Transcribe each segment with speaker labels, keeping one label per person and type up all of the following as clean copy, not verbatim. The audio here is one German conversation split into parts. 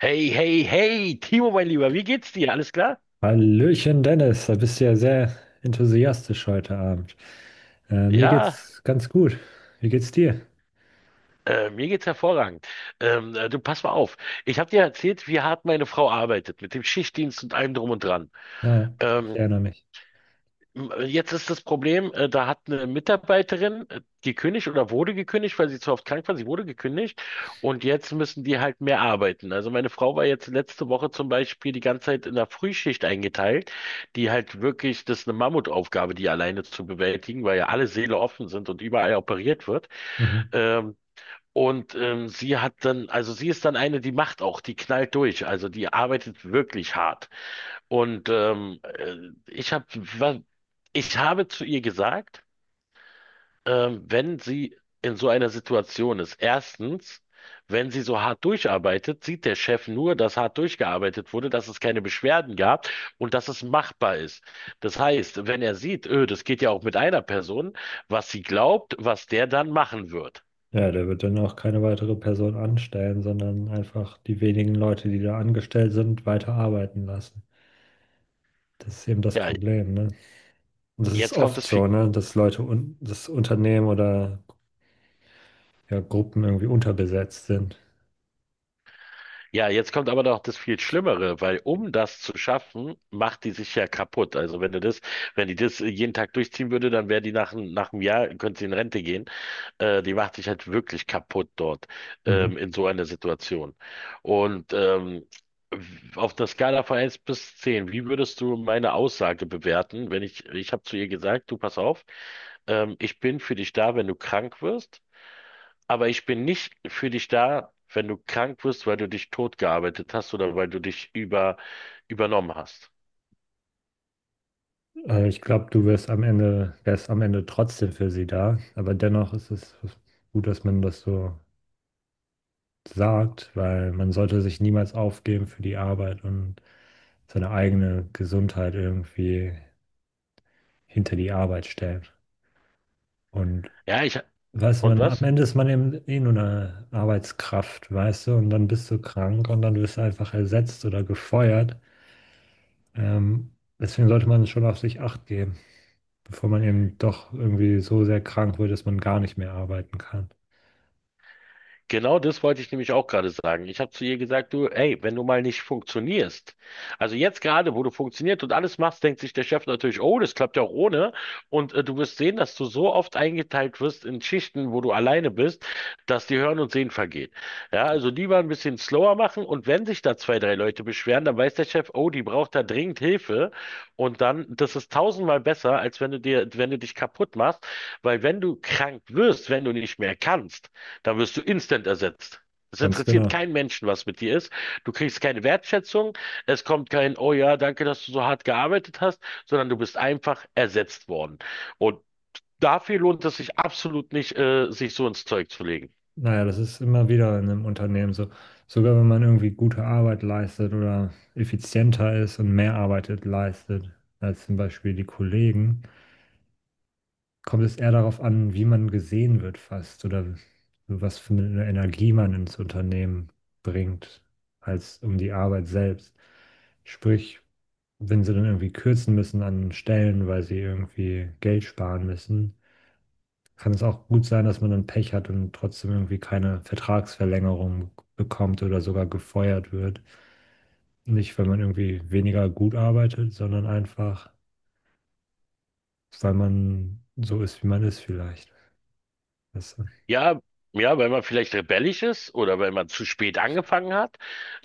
Speaker 1: Hey, hey, hey, Timo, mein Lieber, wie geht's dir? Alles klar?
Speaker 2: Hallöchen Dennis, da bist du ja sehr enthusiastisch heute Abend. Mir
Speaker 1: Ja,
Speaker 2: geht's ganz gut. Wie geht's dir?
Speaker 1: mir geht's hervorragend. Du, pass mal auf. Ich habe dir erzählt, wie hart meine Frau arbeitet, mit dem Schichtdienst und allem drum und dran.
Speaker 2: Na, ich
Speaker 1: Ähm,
Speaker 2: erinnere mich.
Speaker 1: Jetzt ist das Problem, da hat eine Mitarbeiterin gekündigt oder wurde gekündigt, weil sie zu oft krank war. Sie wurde gekündigt und jetzt müssen die halt mehr arbeiten. Also meine Frau war jetzt letzte Woche zum Beispiel die ganze Zeit in der Frühschicht eingeteilt, die halt wirklich, das ist eine Mammutaufgabe, die alleine zu bewältigen, weil ja alle Säle offen sind und überall operiert wird.
Speaker 2: Mhm.
Speaker 1: Ähm, Und sie hat dann, also sie ist dann eine, die macht auch, die knallt durch, also die arbeitet wirklich hart. Und ich hab, wa- ich habe zu ihr gesagt, wenn sie in so einer Situation ist, erstens, wenn sie so hart durcharbeitet, sieht der Chef nur, dass hart durchgearbeitet wurde, dass es keine Beschwerden gab und dass es machbar ist. Das heißt, wenn er sieht, das geht ja auch mit einer Person, was sie glaubt, was der dann machen wird.
Speaker 2: Ja, der wird dann auch keine weitere Person anstellen, sondern einfach die wenigen Leute, die da angestellt sind, weiter arbeiten lassen. Das ist eben das
Speaker 1: Ja,
Speaker 2: Problem, ne? Und das ist
Speaker 1: jetzt kommt
Speaker 2: oft
Speaker 1: das
Speaker 2: so, ne, dass Leute und das Unternehmen oder ja, Gruppen irgendwie unterbesetzt sind.
Speaker 1: Ja, jetzt kommt aber noch das viel Schlimmere, weil um das zu schaffen, macht die sich ja kaputt. Also wenn du das, wenn die das jeden Tag durchziehen würde, dann wäre die nach, nach einem Jahr, könnte sie in Rente gehen. Die macht sich halt wirklich kaputt dort,
Speaker 2: Mhm.
Speaker 1: in so einer Situation. Und ähm, auf einer Skala von 1 bis 10, wie würdest du meine Aussage bewerten, wenn ich habe zu ihr gesagt, du pass auf, ich bin für dich da, wenn du krank wirst. Aber ich bin nicht für dich da, wenn du krank wirst, weil du dich totgearbeitet hast oder weil du dich übernommen hast.
Speaker 2: Ich glaube, du wirst am Ende, wärst am Ende trotzdem für sie da. Aber dennoch ist es gut, dass man das so sagt, weil man sollte sich niemals aufgeben für die Arbeit und seine eigene Gesundheit irgendwie hinter die Arbeit stellen. Und
Speaker 1: Ja, ich,
Speaker 2: weiß
Speaker 1: und
Speaker 2: man, am
Speaker 1: was?
Speaker 2: Ende ist man eben eh nur eine Arbeitskraft, weißt du, und dann bist du krank und dann wirst du einfach ersetzt oder gefeuert. Ähm, Deswegen sollte man schon auf sich Acht geben, bevor man eben doch irgendwie so sehr krank wird, dass man gar nicht mehr arbeiten kann.
Speaker 1: Genau das wollte ich nämlich auch gerade sagen. Ich habe zu ihr gesagt, du, ey, wenn du mal nicht funktionierst, also jetzt gerade, wo du funktioniert und alles machst, denkt sich der Chef natürlich, oh, das klappt ja auch ohne. Und du wirst sehen, dass du so oft eingeteilt wirst in Schichten, wo du alleine bist, dass dir Hören und Sehen vergeht. Ja, also lieber ein bisschen slower machen und wenn sich da zwei, drei Leute beschweren, dann weiß der Chef, oh, die braucht da dringend Hilfe. Und dann, das ist tausendmal besser, als wenn du dir, wenn du dich kaputt machst, weil wenn du krank wirst, wenn du nicht mehr kannst, da wirst du instant ersetzt. Es
Speaker 2: Ganz
Speaker 1: interessiert
Speaker 2: genau.
Speaker 1: keinen Menschen, was mit dir ist. Du kriegst keine Wertschätzung. Es kommt kein, oh ja, danke, dass du so hart gearbeitet hast, sondern du bist einfach ersetzt worden. Und dafür lohnt es sich absolut nicht, sich so ins Zeug zu legen.
Speaker 2: Naja, das ist immer wieder in einem Unternehmen so. Sogar wenn man irgendwie gute Arbeit leistet oder effizienter ist und mehr arbeitet leistet als zum Beispiel die Kollegen, kommt es eher darauf an, wie man gesehen wird fast oder was für eine Energie man ins Unternehmen bringt, als um die Arbeit selbst. Sprich, wenn sie dann irgendwie kürzen müssen an Stellen, weil sie irgendwie Geld sparen müssen, kann es auch gut sein, dass man dann Pech hat und trotzdem irgendwie keine Vertragsverlängerung bekommt oder sogar gefeuert wird. Nicht, weil man irgendwie weniger gut arbeitet, sondern einfach, weil man so ist, wie man ist vielleicht. Das,
Speaker 1: Ja, ja, weil man vielleicht rebellisch ist oder weil man zu spät angefangen hat,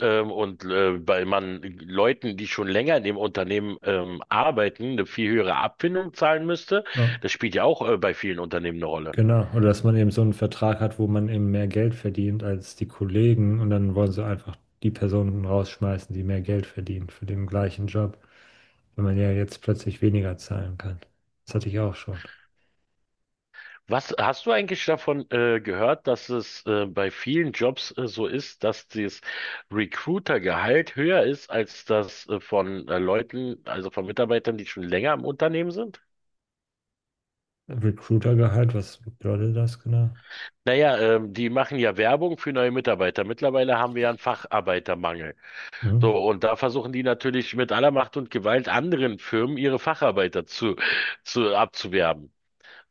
Speaker 1: weil man Leuten, die schon länger in dem Unternehmen arbeiten, eine viel höhere Abfindung zahlen müsste.
Speaker 2: ja.
Speaker 1: Das spielt ja auch bei vielen Unternehmen eine Rolle.
Speaker 2: Genau, oder dass man eben so einen Vertrag hat, wo man eben mehr Geld verdient als die Kollegen und dann wollen sie einfach die Personen rausschmeißen, die mehr Geld verdienen für den gleichen Job, wenn man ja jetzt plötzlich weniger zahlen kann. Das hatte ich auch schon.
Speaker 1: Was hast du eigentlich davon gehört, dass es bei vielen Jobs so ist, dass das Recruiter-Gehalt höher ist als das von Leuten, also von Mitarbeitern, die schon länger im Unternehmen sind?
Speaker 2: Recruitergehalt, was bedeutet das genau?
Speaker 1: Naja, die machen ja Werbung für neue Mitarbeiter. Mittlerweile haben wir ja einen Facharbeitermangel. So,
Speaker 2: Mhm.
Speaker 1: und da versuchen die natürlich mit aller Macht und Gewalt anderen Firmen ihre Facharbeiter zu abzuwerben.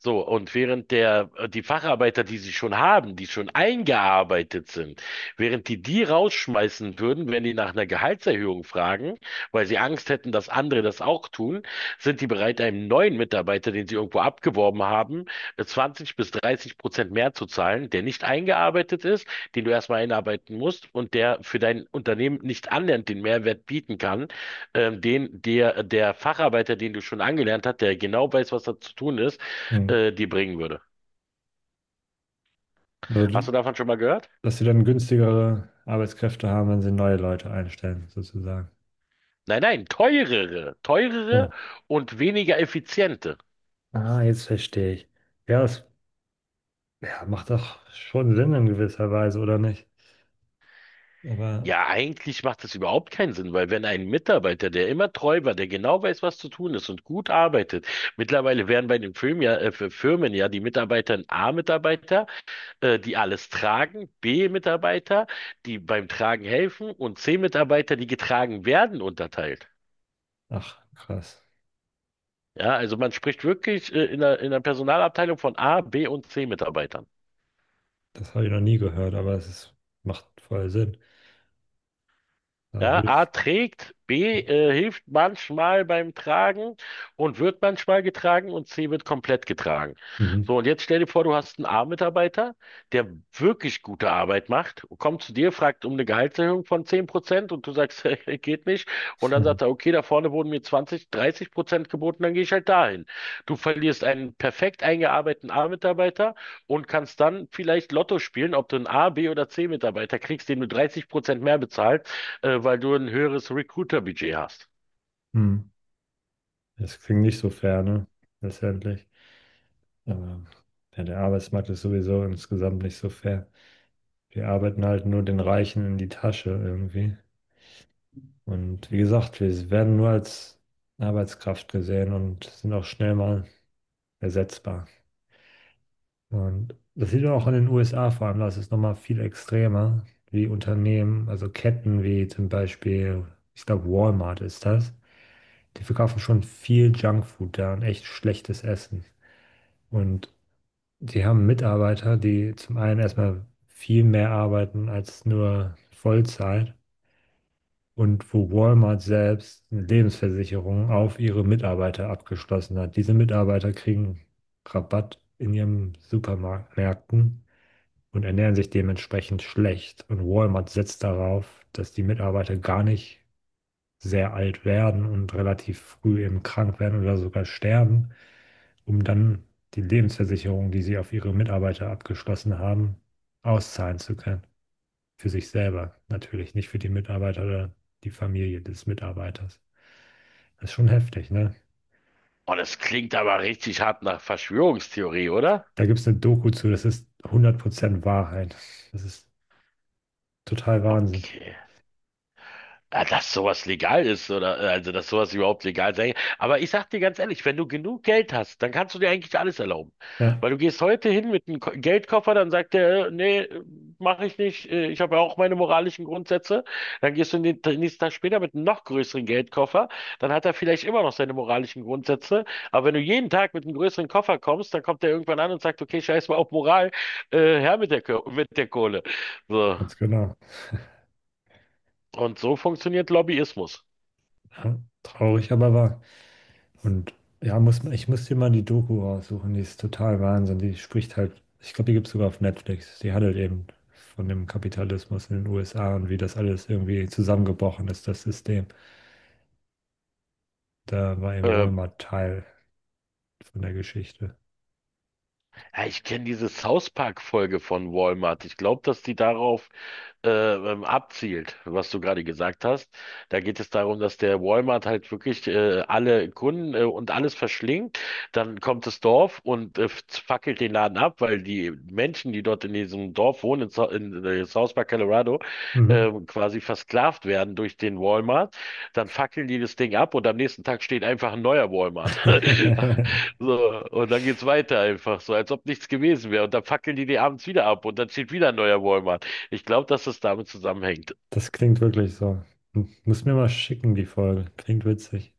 Speaker 1: So, und während die Facharbeiter, die sie schon haben, die schon eingearbeitet sind, während die die rausschmeißen würden, wenn die nach einer Gehaltserhöhung fragen, weil sie Angst hätten, dass andere das auch tun, sind die bereit, einem neuen Mitarbeiter, den sie irgendwo abgeworben haben, 20 bis 30% mehr zu zahlen, der nicht eingearbeitet ist, den du erstmal einarbeiten musst und der für dein Unternehmen nicht annähernd den Mehrwert bieten kann, den der Facharbeiter, den du schon angelernt hast, der genau weiß, was da zu tun ist,
Speaker 2: Mhm.
Speaker 1: dir bringen würde.
Speaker 2: Also,
Speaker 1: Hast
Speaker 2: die-
Speaker 1: du davon schon mal gehört?
Speaker 2: Dass sie dann günstigere Arbeitskräfte haben, wenn sie neue Leute einstellen, sozusagen.
Speaker 1: Nein, nein, teurere, teurere
Speaker 2: So.
Speaker 1: und weniger effiziente.
Speaker 2: Ah, jetzt verstehe ich. Ja, das ja, macht doch schon Sinn in gewisser Weise, oder nicht? Aber
Speaker 1: Ja, eigentlich macht das überhaupt keinen Sinn, weil wenn ein Mitarbeiter, der immer treu war, der genau weiß, was zu tun ist und gut arbeitet, mittlerweile werden bei den Firmen ja, für Firmen ja die Mitarbeiter ein A-Mitarbeiter, die alles tragen, B-Mitarbeiter, die beim Tragen helfen und C-Mitarbeiter, die getragen werden, unterteilt.
Speaker 2: Ach, krass.
Speaker 1: Ja, also man spricht wirklich, in der Personalabteilung von A, B und C-Mitarbeitern.
Speaker 2: Das habe ich noch nie gehört, aber es ist, macht voll Sinn. Da
Speaker 1: Ja,
Speaker 2: würde
Speaker 1: A
Speaker 2: ich.
Speaker 1: trägt, B hilft manchmal beim Tragen und wird manchmal getragen und C wird komplett getragen.
Speaker 2: Mhm.
Speaker 1: So, und jetzt stell dir vor, du hast einen A-Mitarbeiter, der wirklich gute Arbeit macht, kommt zu dir, fragt um eine Gehaltserhöhung von 10% und du sagst, hey, geht nicht. Und dann sagt er, okay, da vorne wurden mir 20-30% geboten, dann gehe ich halt dahin. Du verlierst einen perfekt eingearbeiteten A-Mitarbeiter und kannst dann vielleicht Lotto spielen, ob du einen A, B oder C-Mitarbeiter kriegst, den du 30% mehr bezahlst weil du ein höheres Recruiter-Budget hast.
Speaker 2: Mhm. Das klingt nicht so fair, ne? Letztendlich. Aber ja, der Arbeitsmarkt ist sowieso insgesamt nicht so fair. Wir arbeiten halt nur den Reichen in die Tasche irgendwie. Und wie gesagt, wir werden nur als Arbeitskraft gesehen und sind auch schnell mal ersetzbar. Und das sieht man auch in den USA vor allem, da ist es nochmal viel extremer, wie Unternehmen, also Ketten wie zum Beispiel, ich glaube Walmart ist das, die verkaufen schon viel Junkfood da und echt schlechtes Essen. Und die haben Mitarbeiter, die zum einen erstmal viel mehr arbeiten als nur Vollzeit und wo Walmart selbst eine Lebensversicherung auf ihre Mitarbeiter abgeschlossen hat. Diese Mitarbeiter kriegen Rabatt in ihren Supermärkten und ernähren sich dementsprechend schlecht. Und Walmart setzt darauf, dass die Mitarbeiter gar nicht sehr alt werden und relativ früh eben krank werden oder sogar sterben, um dann die Lebensversicherung, die sie auf ihre Mitarbeiter abgeschlossen haben, auszahlen zu können. Für sich selber natürlich, nicht für die Mitarbeiter oder die Familie des Mitarbeiters. Das ist schon heftig, ne?
Speaker 1: Oh, das klingt aber richtig hart nach Verschwörungstheorie, oder?
Speaker 2: Da gibt es eine Doku zu, das ist 100% Wahrheit. Das ist total Wahnsinn.
Speaker 1: Okay. Ja, dass sowas legal ist oder also dass sowas überhaupt legal sein kann. Aber ich sag dir ganz ehrlich, wenn du genug Geld hast, dann kannst du dir eigentlich alles erlauben.
Speaker 2: Ja,
Speaker 1: Weil du gehst heute hin mit einem Geldkoffer, dann sagt der, nee, mache ich nicht, ich habe ja auch meine moralischen Grundsätze. Dann gehst du den nächsten Tag später mit einem noch größeren Geldkoffer, dann hat er vielleicht immer noch seine moralischen Grundsätze. Aber wenn du jeden Tag mit einem größeren Koffer kommst, dann kommt er irgendwann an und sagt, okay, scheiß mal auf Moral, her mit mit der Kohle. So.
Speaker 2: ganz genau.
Speaker 1: Und so funktioniert Lobbyismus.
Speaker 2: Ja, traurig, aber wahr. Und ja, ich muss dir mal die Doku raussuchen, die ist total Wahnsinn. Die spricht halt, ich glaube, die gibt es sogar auf Netflix. Die handelt eben von dem Kapitalismus in den USA und wie das alles irgendwie zusammengebrochen ist, das System. Da war eben
Speaker 1: Äh,
Speaker 2: Walmart Teil von der Geschichte.
Speaker 1: Ja, ich kenne diese South Park-Folge von Walmart. Ich glaube, dass die darauf abzielt, was du gerade gesagt hast. Da geht es darum, dass der Walmart halt wirklich alle Kunden und alles verschlingt. Dann kommt das Dorf und fackelt den Laden ab, weil die Menschen, die dort in diesem Dorf wohnen, in South Park, Colorado,
Speaker 2: Mhm.
Speaker 1: quasi versklavt werden durch den Walmart. Dann fackeln die das Ding ab und am nächsten Tag steht einfach ein neuer Walmart. So, und dann geht's weiter einfach, so als ob nichts gewesen wäre. Und dann fackeln die die abends wieder ab und dann steht wieder ein neuer Walmart. Ich glaube, dass es damit zusammenhängt.
Speaker 2: Das klingt wirklich so. Hm, muss mir mal schicken, die Folge. Klingt witzig.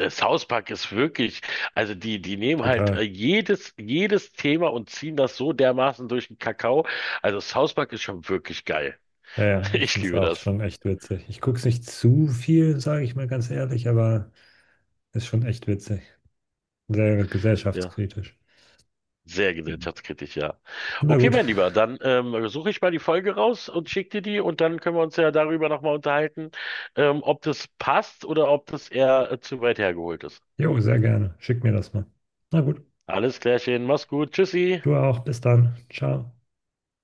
Speaker 1: Der South Park ist wirklich, also die nehmen halt
Speaker 2: Total.
Speaker 1: jedes Thema und ziehen das so dermaßen durch den Kakao. Also South Park ist schon wirklich geil.
Speaker 2: Ja, ja, ich
Speaker 1: Ich
Speaker 2: finde es
Speaker 1: liebe
Speaker 2: auch
Speaker 1: das.
Speaker 2: schon echt witzig. Ich gucke es nicht zu viel, sage ich mal ganz ehrlich, aber. Ist schon echt witzig. Sehr
Speaker 1: Ja.
Speaker 2: gesellschaftskritisch.
Speaker 1: Sehr gesellschaftskritisch, ja.
Speaker 2: Na
Speaker 1: Okay,
Speaker 2: gut.
Speaker 1: mein Lieber, dann suche ich mal die Folge raus und schicke dir die und dann können wir uns ja darüber nochmal unterhalten, ob das passt oder ob das eher zu weit hergeholt ist.
Speaker 2: Jo, sehr gerne. Schick mir das mal. Na gut.
Speaker 1: Alles klärchen, mach's gut, tschüssi.
Speaker 2: Du auch. Bis dann. Ciao.